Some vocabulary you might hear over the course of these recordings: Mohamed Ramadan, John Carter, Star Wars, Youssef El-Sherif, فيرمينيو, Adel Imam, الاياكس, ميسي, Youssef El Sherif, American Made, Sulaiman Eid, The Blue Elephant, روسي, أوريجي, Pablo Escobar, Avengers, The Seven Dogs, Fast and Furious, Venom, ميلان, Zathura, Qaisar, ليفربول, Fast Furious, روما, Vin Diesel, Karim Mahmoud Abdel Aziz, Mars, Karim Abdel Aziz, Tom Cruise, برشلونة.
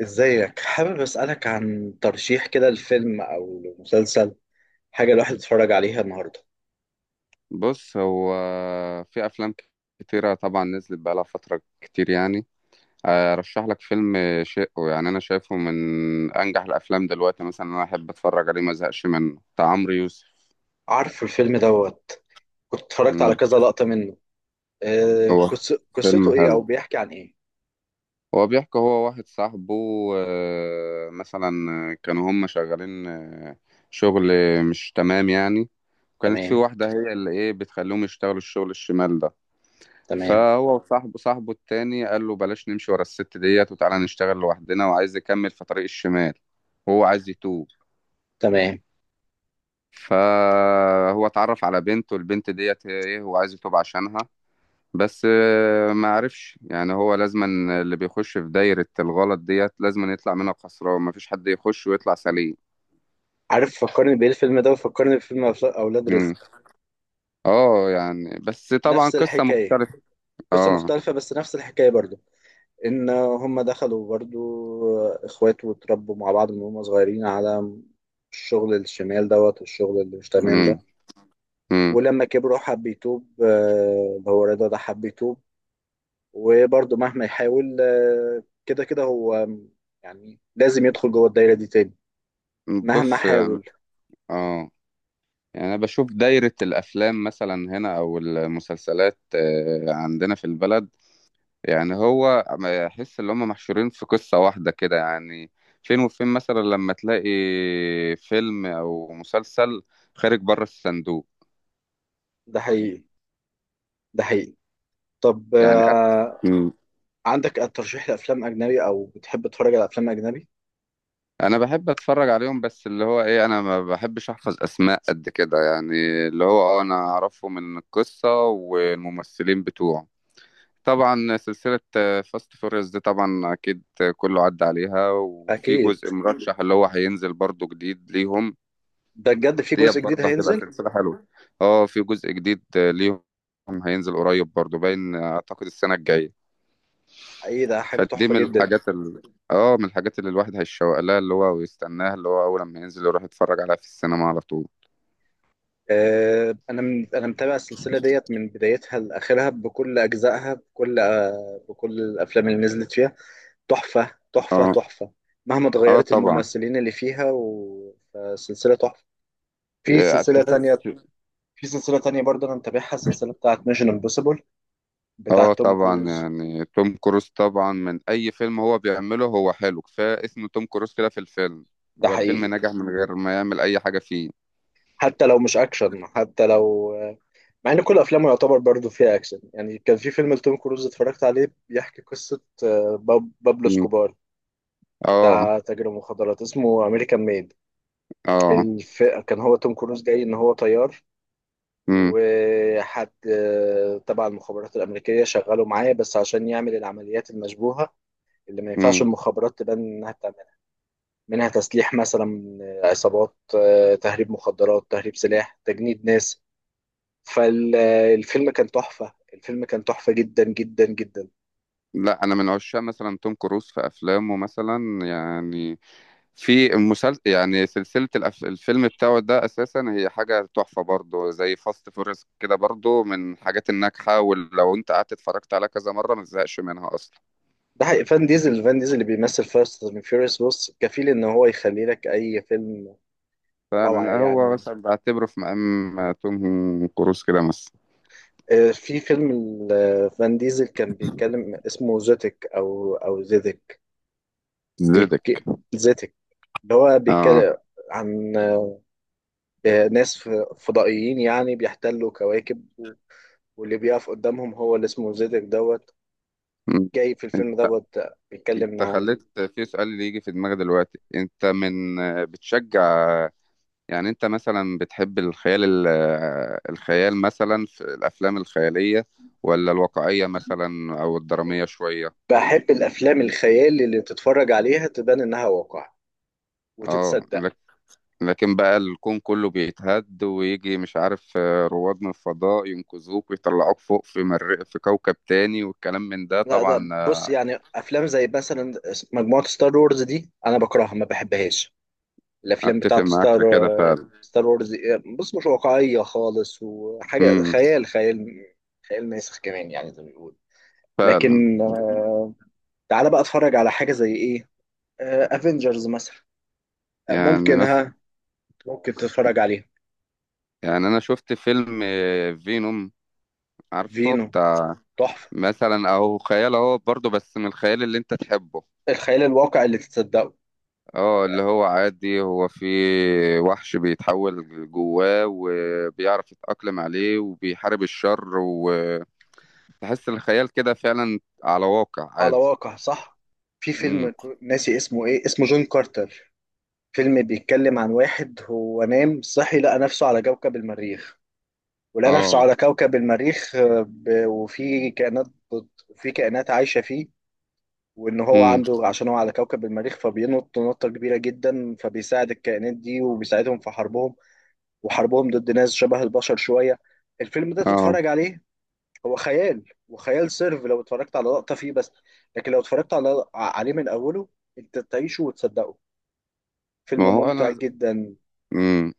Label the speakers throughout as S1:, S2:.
S1: ازيك؟ حابب اسألك عن ترشيح كده لفيلم او مسلسل، حاجة الواحد يتفرج عليها النهاردة.
S2: بص هو في افلام كتيره طبعا نزلت بقالها فتره كتير يعني. ارشح لك فيلم شقه، يعني انا شايفه من انجح الافلام دلوقتي، مثلا انا احب اتفرج عليه ما ازهقش منه، بتاع عمرو يوسف.
S1: عارف الفيلم دوت، كنت اتفرجت على
S2: امم
S1: كذا لقطة منه.
S2: هو فيلم
S1: قصته ايه او
S2: حلو.
S1: بيحكي عن ايه؟
S2: هو بيحكي، هو واحد صاحبه، مثلا كانوا هم شغالين، شغل مش تمام يعني. وكانت في
S1: تمام،
S2: واحده هي اللي ايه بتخليهم يشتغلوا الشغل الشمال ده.
S1: تمام،
S2: فهو وصاحبه صاحبه التاني قال له بلاش نمشي ورا الست ديت وتعالى نشتغل لوحدنا، وعايز يكمل في طريق الشمال، وهو عايز يتوب.
S1: تمام.
S2: فهو اتعرف على بنت، والبنت ديت ايه، هو عايز يتوب عشانها. بس ما عرفش، يعني هو لازما اللي بيخش في دايرة الغلط ديت لازما يطلع منها خسران، مفيش حد يخش ويطلع سليم.
S1: عارف فكرني بايه الفيلم ده؟ وفكرني بفيلم اولاد
S2: مم.
S1: رزق.
S2: اه، يعني بس طبعا
S1: نفس
S2: قصة
S1: الحكاية.
S2: مختلفة.
S1: قصة
S2: اه.
S1: مختلفة بس نفس الحكاية برضو. ان هم دخلوا برضو اخوات، واتربوا مع بعض من هم صغيرين على الشغل الشمال دوت والشغل اللي مش تمام
S2: مم.
S1: ده.
S2: مم.
S1: ولما كبروا حب يتوب، اللي هو رضا ده حب يتوب. وبرضه مهما يحاول، كده كده هو يعني لازم يدخل جوه الدايرة دي تاني مهما
S2: بص يعني،
S1: حاول.
S2: اه، يعني أنا بشوف دايرة الأفلام مثلا هنا أو المسلسلات عندنا في البلد، يعني هو ما يحس إن هم محشورين في قصة واحدة كده يعني. فين وفين مثلا لما تلاقي فيلم أو مسلسل خارج بره الصندوق.
S1: ده حقيقي، ده حقيقي. طب
S2: يعني مم.
S1: عندك ترشيح لأفلام أجنبي، أو بتحب تتفرج على أفلام أجنبي؟
S2: أنا بحب أتفرج عليهم، بس اللي هو إيه، أنا ما بحبش أحفظ أسماء قد كده يعني، اللي هو أه أنا أعرفه من القصة والممثلين بتوعه. طبعا سلسلة فاست فوريوس دي طبعا أكيد، كله عدى عليها، وفي
S1: أكيد.
S2: جزء مرشح اللي هو هينزل برضو جديد ليهم.
S1: ده بجد في
S2: ديت
S1: جزء جديد
S2: برضه هتبقى
S1: هينزل؟
S2: سلسلة حلوة. اه في جزء جديد ليهم هينزل قريب برضو، باين أعتقد السنة الجاية.
S1: ايه ده، حاجة
S2: فدي
S1: تحفة جدا.
S2: من الحاجات اللي الواحد هيشوق لها اللي هو ويستناها، اللي هو أول ما ينزل يروح يتفرج عليها في السينما على طول.
S1: أنا متابع السلسلة ديت من بدايتها لآخرها، بكل أجزائها، بكل بكل الأفلام اللي نزلت فيها. تحفة، تحفة،
S2: اه.
S1: تحفة. مهما
S2: اه
S1: اتغيرت
S2: طبعا.
S1: الممثلين اللي فيها، وسلسلة تحفة. في سلسلة
S2: تحس.
S1: تانية، في سلسلة تانية برضه أنا متابعها، السلسلة بتاعت ميشن امبوسيبل،
S2: اه
S1: بتاعت توم
S2: طبعا،
S1: كروز.
S2: يعني توم كروز طبعا من اي فيلم هو بيعمله هو حلو، كفايه اسم توم كروز كده في الفيلم.
S1: ده
S2: هو الفيلم
S1: حقيقي.
S2: نجح من غير ما يعمل اي حاجه فيه.
S1: حتى لو مش أكشن، حتى لو مع إن كل أفلامه يعتبر برضه فيها أكشن. يعني كان في فيلم لتوم كروز اتفرجت عليه بيحكي قصة، بابلو
S2: مم.
S1: سكوبار
S2: اه.
S1: بتاع تاجر المخدرات، اسمه أمريكان ميد.
S2: اه.
S1: كان هو توم كروز جاي إن هو طيار،
S2: مم.
S1: وحد تبع المخابرات الأمريكية، شغاله معايا بس عشان يعمل العمليات المشبوهة اللي ما ينفعش
S2: مم.
S1: المخابرات تبان إنها بتعملها. منها تسليح مثلا، عصابات، تهريب مخدرات، تهريب سلاح، تجنيد ناس. فالفيلم كان تحفة، الفيلم كان تحفة جدا جدا جدا.
S2: لا انا من عشاق مثلا توم كروز في افلامه مثلا، يعني في المسلسل، يعني سلسله الفيلم بتاعه ده اساسا هي حاجه تحفه برضه زي فاست فورس كده، برضه من الحاجات الناجحه، ولو انت قعدت اتفرجت عليها كذا مره ما تزهقش منها اصلا.
S1: ده حقيقي. فان ديزل، فان ديزل اللي بيمثل فاست اند فيوريوس، بص كفيل ان هو يخلي لك اي فيلم روعة
S2: فعلا هو
S1: يعني.
S2: بس بعتبره في مقام توم كروز كده مثلا.
S1: في فيلم فان ديزل كان بيتكلم، اسمه زيتك او او زيتك.
S2: زدك.
S1: بيك... زيتك اللي هو
S2: اه.
S1: بيتكلم عن ناس فضائيين يعني بيحتلوا كواكب واللي بيقف قدامهم هو اللي اسمه زيتك دوت.
S2: م.
S1: جاي في الفيلم دوت بيتكلم
S2: انت
S1: عن
S2: خليت في سؤال اللي يجي في دماغي دلوقتي، انت من بتشجع، يعني انت مثلا بتحب الخيال الخيال مثلا في الافلام الخيالية، ولا الواقعية مثلا او الدرامية شوية؟
S1: بحب الأفلام الخيال اللي تتفرج عليها تبان إنها واقع
S2: اه
S1: وتتصدق.
S2: لكن بقى الكون كله بيتهد ويجي مش عارف رواد من الفضاء ينقذوك ويطلعوك فوق في كوكب تاني والكلام من ده
S1: لا
S2: طبعا.
S1: ده بص، يعني أفلام زي مثلا مجموعة ستار وورز دي أنا بكرهها ما بحبهاش. الافلام
S2: اتفق
S1: بتاعت
S2: معاك
S1: ستار،
S2: في كده فعلا.
S1: ستار وورز، بص مش واقعيه خالص، وحاجه
S2: امم
S1: خيال خيال، خيال ماسخ كمان يعني زي ما بيقول.
S2: فعلا،
S1: لكن تعالى بقى اتفرج على حاجه زي ايه، افنجرز مثلا.
S2: يعني
S1: ممكن
S2: مثلا،
S1: ها، ممكن تتفرج عليها.
S2: يعني انا شفت فيلم فينوم، عارفه
S1: فينو،
S2: بتاع،
S1: تحفه.
S2: مثلا او خيال اهو برضه بس من الخيال اللي انت تحبه.
S1: الخيال الواقع اللي تتصدقه،
S2: اه، اللي هو عادي، هو في وحش بيتحول جواه وبيعرف يتأقلم عليه وبيحارب الشر، وتحس الخيال كده فعلا على واقع
S1: على
S2: عادي.
S1: واقع صح. في
S2: امم
S1: فيلم ناسي اسمه ايه، اسمه جون كارتر. فيلم بيتكلم عن واحد هو نام صحي لقى نفسه على كوكب المريخ. ولقى نفسه
S2: اه.
S1: على كوكب المريخ، وفي كائنات، وفي كائنات عايشة فيه. وإن هو
S2: امم
S1: عنده، عشان هو على كوكب المريخ، فبينط نطة كبيرة جدا، فبيساعد الكائنات دي وبيساعدهم في حربهم، وحربهم ضد ناس شبه البشر شوية. الفيلم ده
S2: اه.
S1: تتفرج عليه. هو خيال، وخيال سيرف لو اتفرجت على لقطة فيه بس، لكن لو اتفرجت على عليه من أوله، أنت تعيشه وتصدقه. فيلم
S2: ما هو
S1: ممتع
S2: انا
S1: جدا.
S2: امم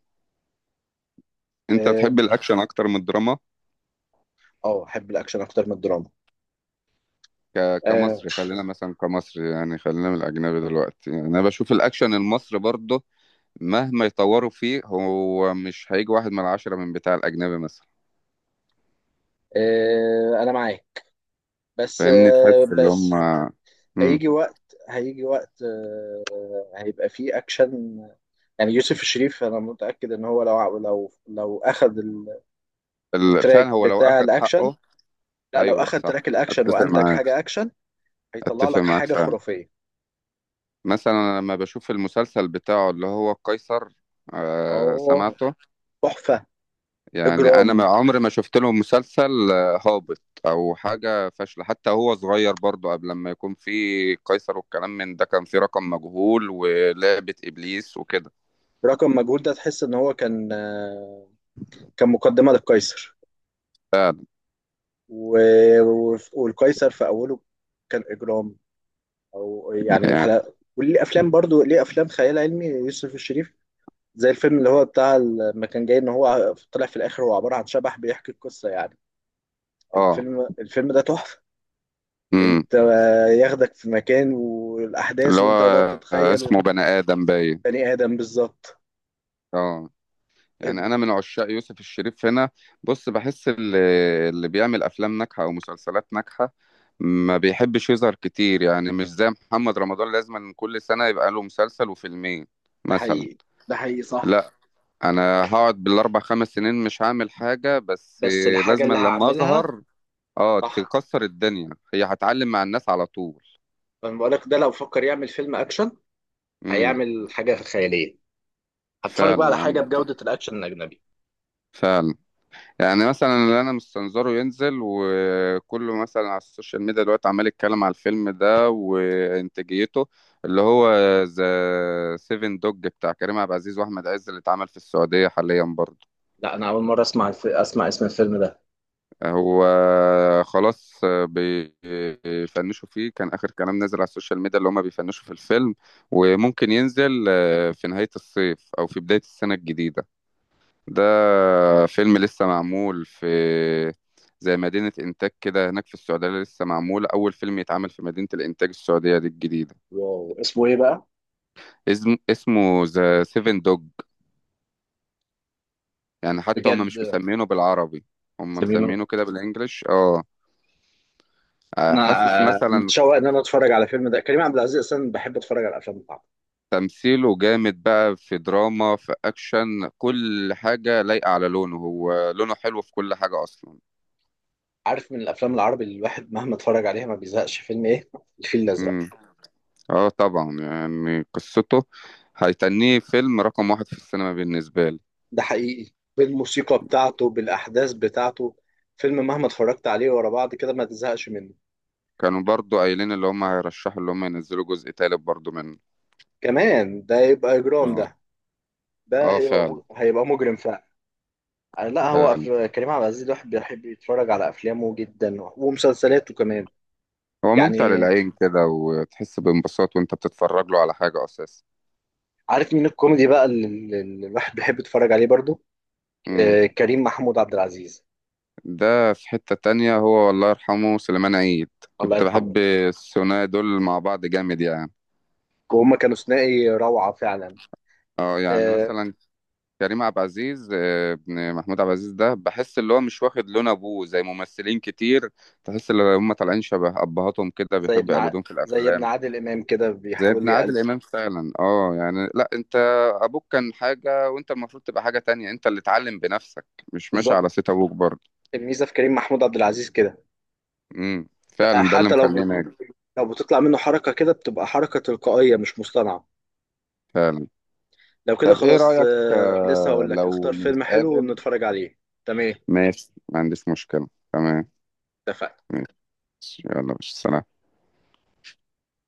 S2: انت
S1: اه.
S2: تحب الاكشن اكتر من الدراما؟
S1: أحب الأكشن أكتر من الدراما. اه.
S2: كمصري خلينا مثلا، كمصري يعني، خلينا من الأجنبي دلوقتي، يعني أنا بشوف الأكشن المصري برضه مهما يطوروا فيه هو مش هيجي واحد من ال10 من بتاع الأجنبي مثلا.
S1: أنا معاك، بس
S2: فاهمني، تحس اللي هم.
S1: بس
S2: مم.
S1: هيجي وقت، هيجي وقت هيبقى فيه اكشن. يعني يوسف الشريف انا متاكد ان هو لو لو اخذ
S2: فعلا
S1: التراك
S2: هو لو
S1: بتاع
S2: أخد
S1: الاكشن،
S2: حقه.
S1: لا لو
S2: أيوه
S1: اخذ
S2: صح،
S1: تراك الاكشن
S2: أتفق
S1: وانتج
S2: معاك،
S1: حاجه اكشن. هيطلع
S2: أتفق
S1: لك
S2: معاك
S1: حاجه
S2: فعلا.
S1: خرافيه
S2: مثلا أنا لما بشوف المسلسل بتاعه اللي هو قيصر. آه
S1: اه،
S2: سمعته.
S1: تحفه،
S2: يعني انا ما
S1: اجرام.
S2: عمري ما شفت لهم مسلسل هابط او حاجه فاشله، حتى هو صغير برضو قبل لما يكون في قيصر والكلام من ده كان في رقم مجهول ولعبه ابليس وكده.
S1: رقم مجهول ده تحس ان هو كان كان مقدمه للقيصر.
S2: فعلا.
S1: والقيصر في اوله كان اجرام. او يعني،
S2: يعني
S1: والحلقه، وليه افلام برضو، ليه افلام خيال علمي يوسف الشريف. زي الفيلم اللي هو بتاع لما كان جاي ان هو طلع في الاخر هو عباره عن شبح بيحكي القصه يعني.
S2: اه.
S1: الفيلم ده تحفه.
S2: امم
S1: انت ياخدك في مكان والاحداث،
S2: اللي هو
S1: وانت هتقعد تتخيل.
S2: اسمه بني ادم باين.
S1: بني ادم، بالظبط.
S2: اه، يعني انا من عشاق يوسف الشريف هنا. بص بحس اللي بيعمل افلام ناجحه او مسلسلات ناجحه ما بيحبش يظهر كتير، يعني مش زي محمد رمضان لازم كل سنه يبقى له مسلسل وفيلمين
S1: ده
S2: مثلا.
S1: حقيقي، ده حقيقي صح.
S2: لا، انا هقعد بالاربع خمس سنين مش هعمل حاجه، بس
S1: بس الحاجه
S2: لازم
S1: اللي
S2: لما
S1: هعملها
S2: اظهر اه
S1: صح.
S2: تكسر الدنيا، هي هتعلم مع الناس على طول.
S1: فانا بقول لك ده لو فكر يعمل فيلم اكشن،
S2: امم
S1: هيعمل حاجه خياليه، هتفرج بقى على
S2: فعلا
S1: حاجه
S2: عندك حق.
S1: بجوده الاكشن الاجنبي.
S2: فعلا، يعني مثلا اللي انا مستنظره ينزل وكله مثلا على السوشيال ميديا دلوقتي عمال يتكلم على الفيلم ده وانتاجيته، اللي هو ذا سيفن دوج بتاع كريم عبد العزيز واحمد عز اللي اتعمل في السعوديه حاليا برضه.
S1: لا انا اول مره اسمع اسمع اسم الفيلم ده.
S2: هو خلاص بيفنشوا فيه، كان آخر كلام نزل على السوشيال ميديا اللي هما بيفنشوا في الفيلم، وممكن ينزل في نهاية الصيف أو في بداية السنة الجديدة. ده فيلم لسه معمول في زي مدينة إنتاج كده هناك في السعودية، لسه معمول أول فيلم يتعمل في مدينة الإنتاج السعودية دي الجديدة.
S1: واو، اسمه ايه بقى؟
S2: اسمه ذا سيفن دوج، يعني حتى هما
S1: بجد؟
S2: مش مسمينه بالعربي، هما
S1: زميله
S2: مسمينه كده بالإنجلش اه.
S1: انا،
S2: حاسس مثلا،
S1: متشوق ان انا اتفرج على فيلم ده. كريم عبد العزيز اصلا بحب اتفرج على الافلام بتاعته.
S2: تمثيله جامد بقى في دراما في أكشن، كل حاجة لايقة على لونه، هو لونه حلو في كل حاجة أصلا.
S1: عارف من الافلام العربي اللي الواحد مهما اتفرج عليها ما بيزهقش، فيلم ايه؟ الفيل الازرق.
S2: امم اه طبعا، يعني قصته، هيتنيه فيلم رقم واحد في السينما بالنسبة لي.
S1: ده حقيقي، بالموسيقى بتاعته، بالاحداث بتاعته. فيلم مهما اتفرجت عليه ورا بعض كده ما تزهقش منه.
S2: كانوا برضو قايلين اللي هم هيرشحوا اللي هم ينزلوا جزء تالت برضو منه.
S1: كمان ده يبقى اجرام
S2: اه.
S1: ده، ده
S2: اه فعلا.
S1: هيبقى، هيبقى مجرم فعلا. لا هو
S2: فعلا،
S1: كريم عبد العزيز الواحد بيحب يتفرج على افلامه جدا، ومسلسلاته كمان.
S2: هو ممتع
S1: يعني
S2: للعين كده وتحس بانبساط وانت بتتفرج له على حاجة أساسا.
S1: عارف مين الكوميدي بقى اللي الواحد بيحب يتفرج عليه برضو؟ آه، كريم محمود عبد العزيز.
S2: ده في حتة تانية هو، والله يرحمه سليمان عيد،
S1: الله
S2: كنت بحب
S1: يرحمه،
S2: الثنائي دول مع بعض جامد يعني.
S1: وهم كانوا ثنائي روعة فعلا.
S2: اه، يعني
S1: آه.
S2: مثلا كريم عبد العزيز ابن محمود عبد العزيز ده بحس اللي هو مش واخد لون ابوه زي ممثلين كتير، تحس ان هم طالعين شبه ابهاتهم كده
S1: زي
S2: بيحبوا
S1: ابن ع...
S2: يقلدون في
S1: زي ابن
S2: الافلام.
S1: عادل إمام كده
S2: زي
S1: بيحاول
S2: ابن
S1: يقلد.
S2: عادل امام فعلا اه، يعني لا انت ابوك كان حاجة وانت المفروض تبقى حاجة تانية، انت اللي اتعلم بنفسك مش ماشي على
S1: بالظبط.
S2: صيت ابوك برضه.
S1: الميزة في كريم محمود عبد العزيز كده،
S2: امم
S1: بقى
S2: فعلا ده اللي
S1: حتى لو
S2: مخلينا
S1: لو بتطلع منه حركة كده، بتبقى حركة تلقائية مش مصطنعة.
S2: فعلا.
S1: لو كده
S2: طب ايه
S1: خلاص،
S2: رأيك
S1: آه لسه هقول لك
S2: لو
S1: اختار فيلم حلو
S2: نتقابل؟
S1: ونتفرج عليه. تمام،
S2: ماشي ما عنديش مشكلة تمام.
S1: اتفقنا.
S2: ماشي يلا، مش سلام.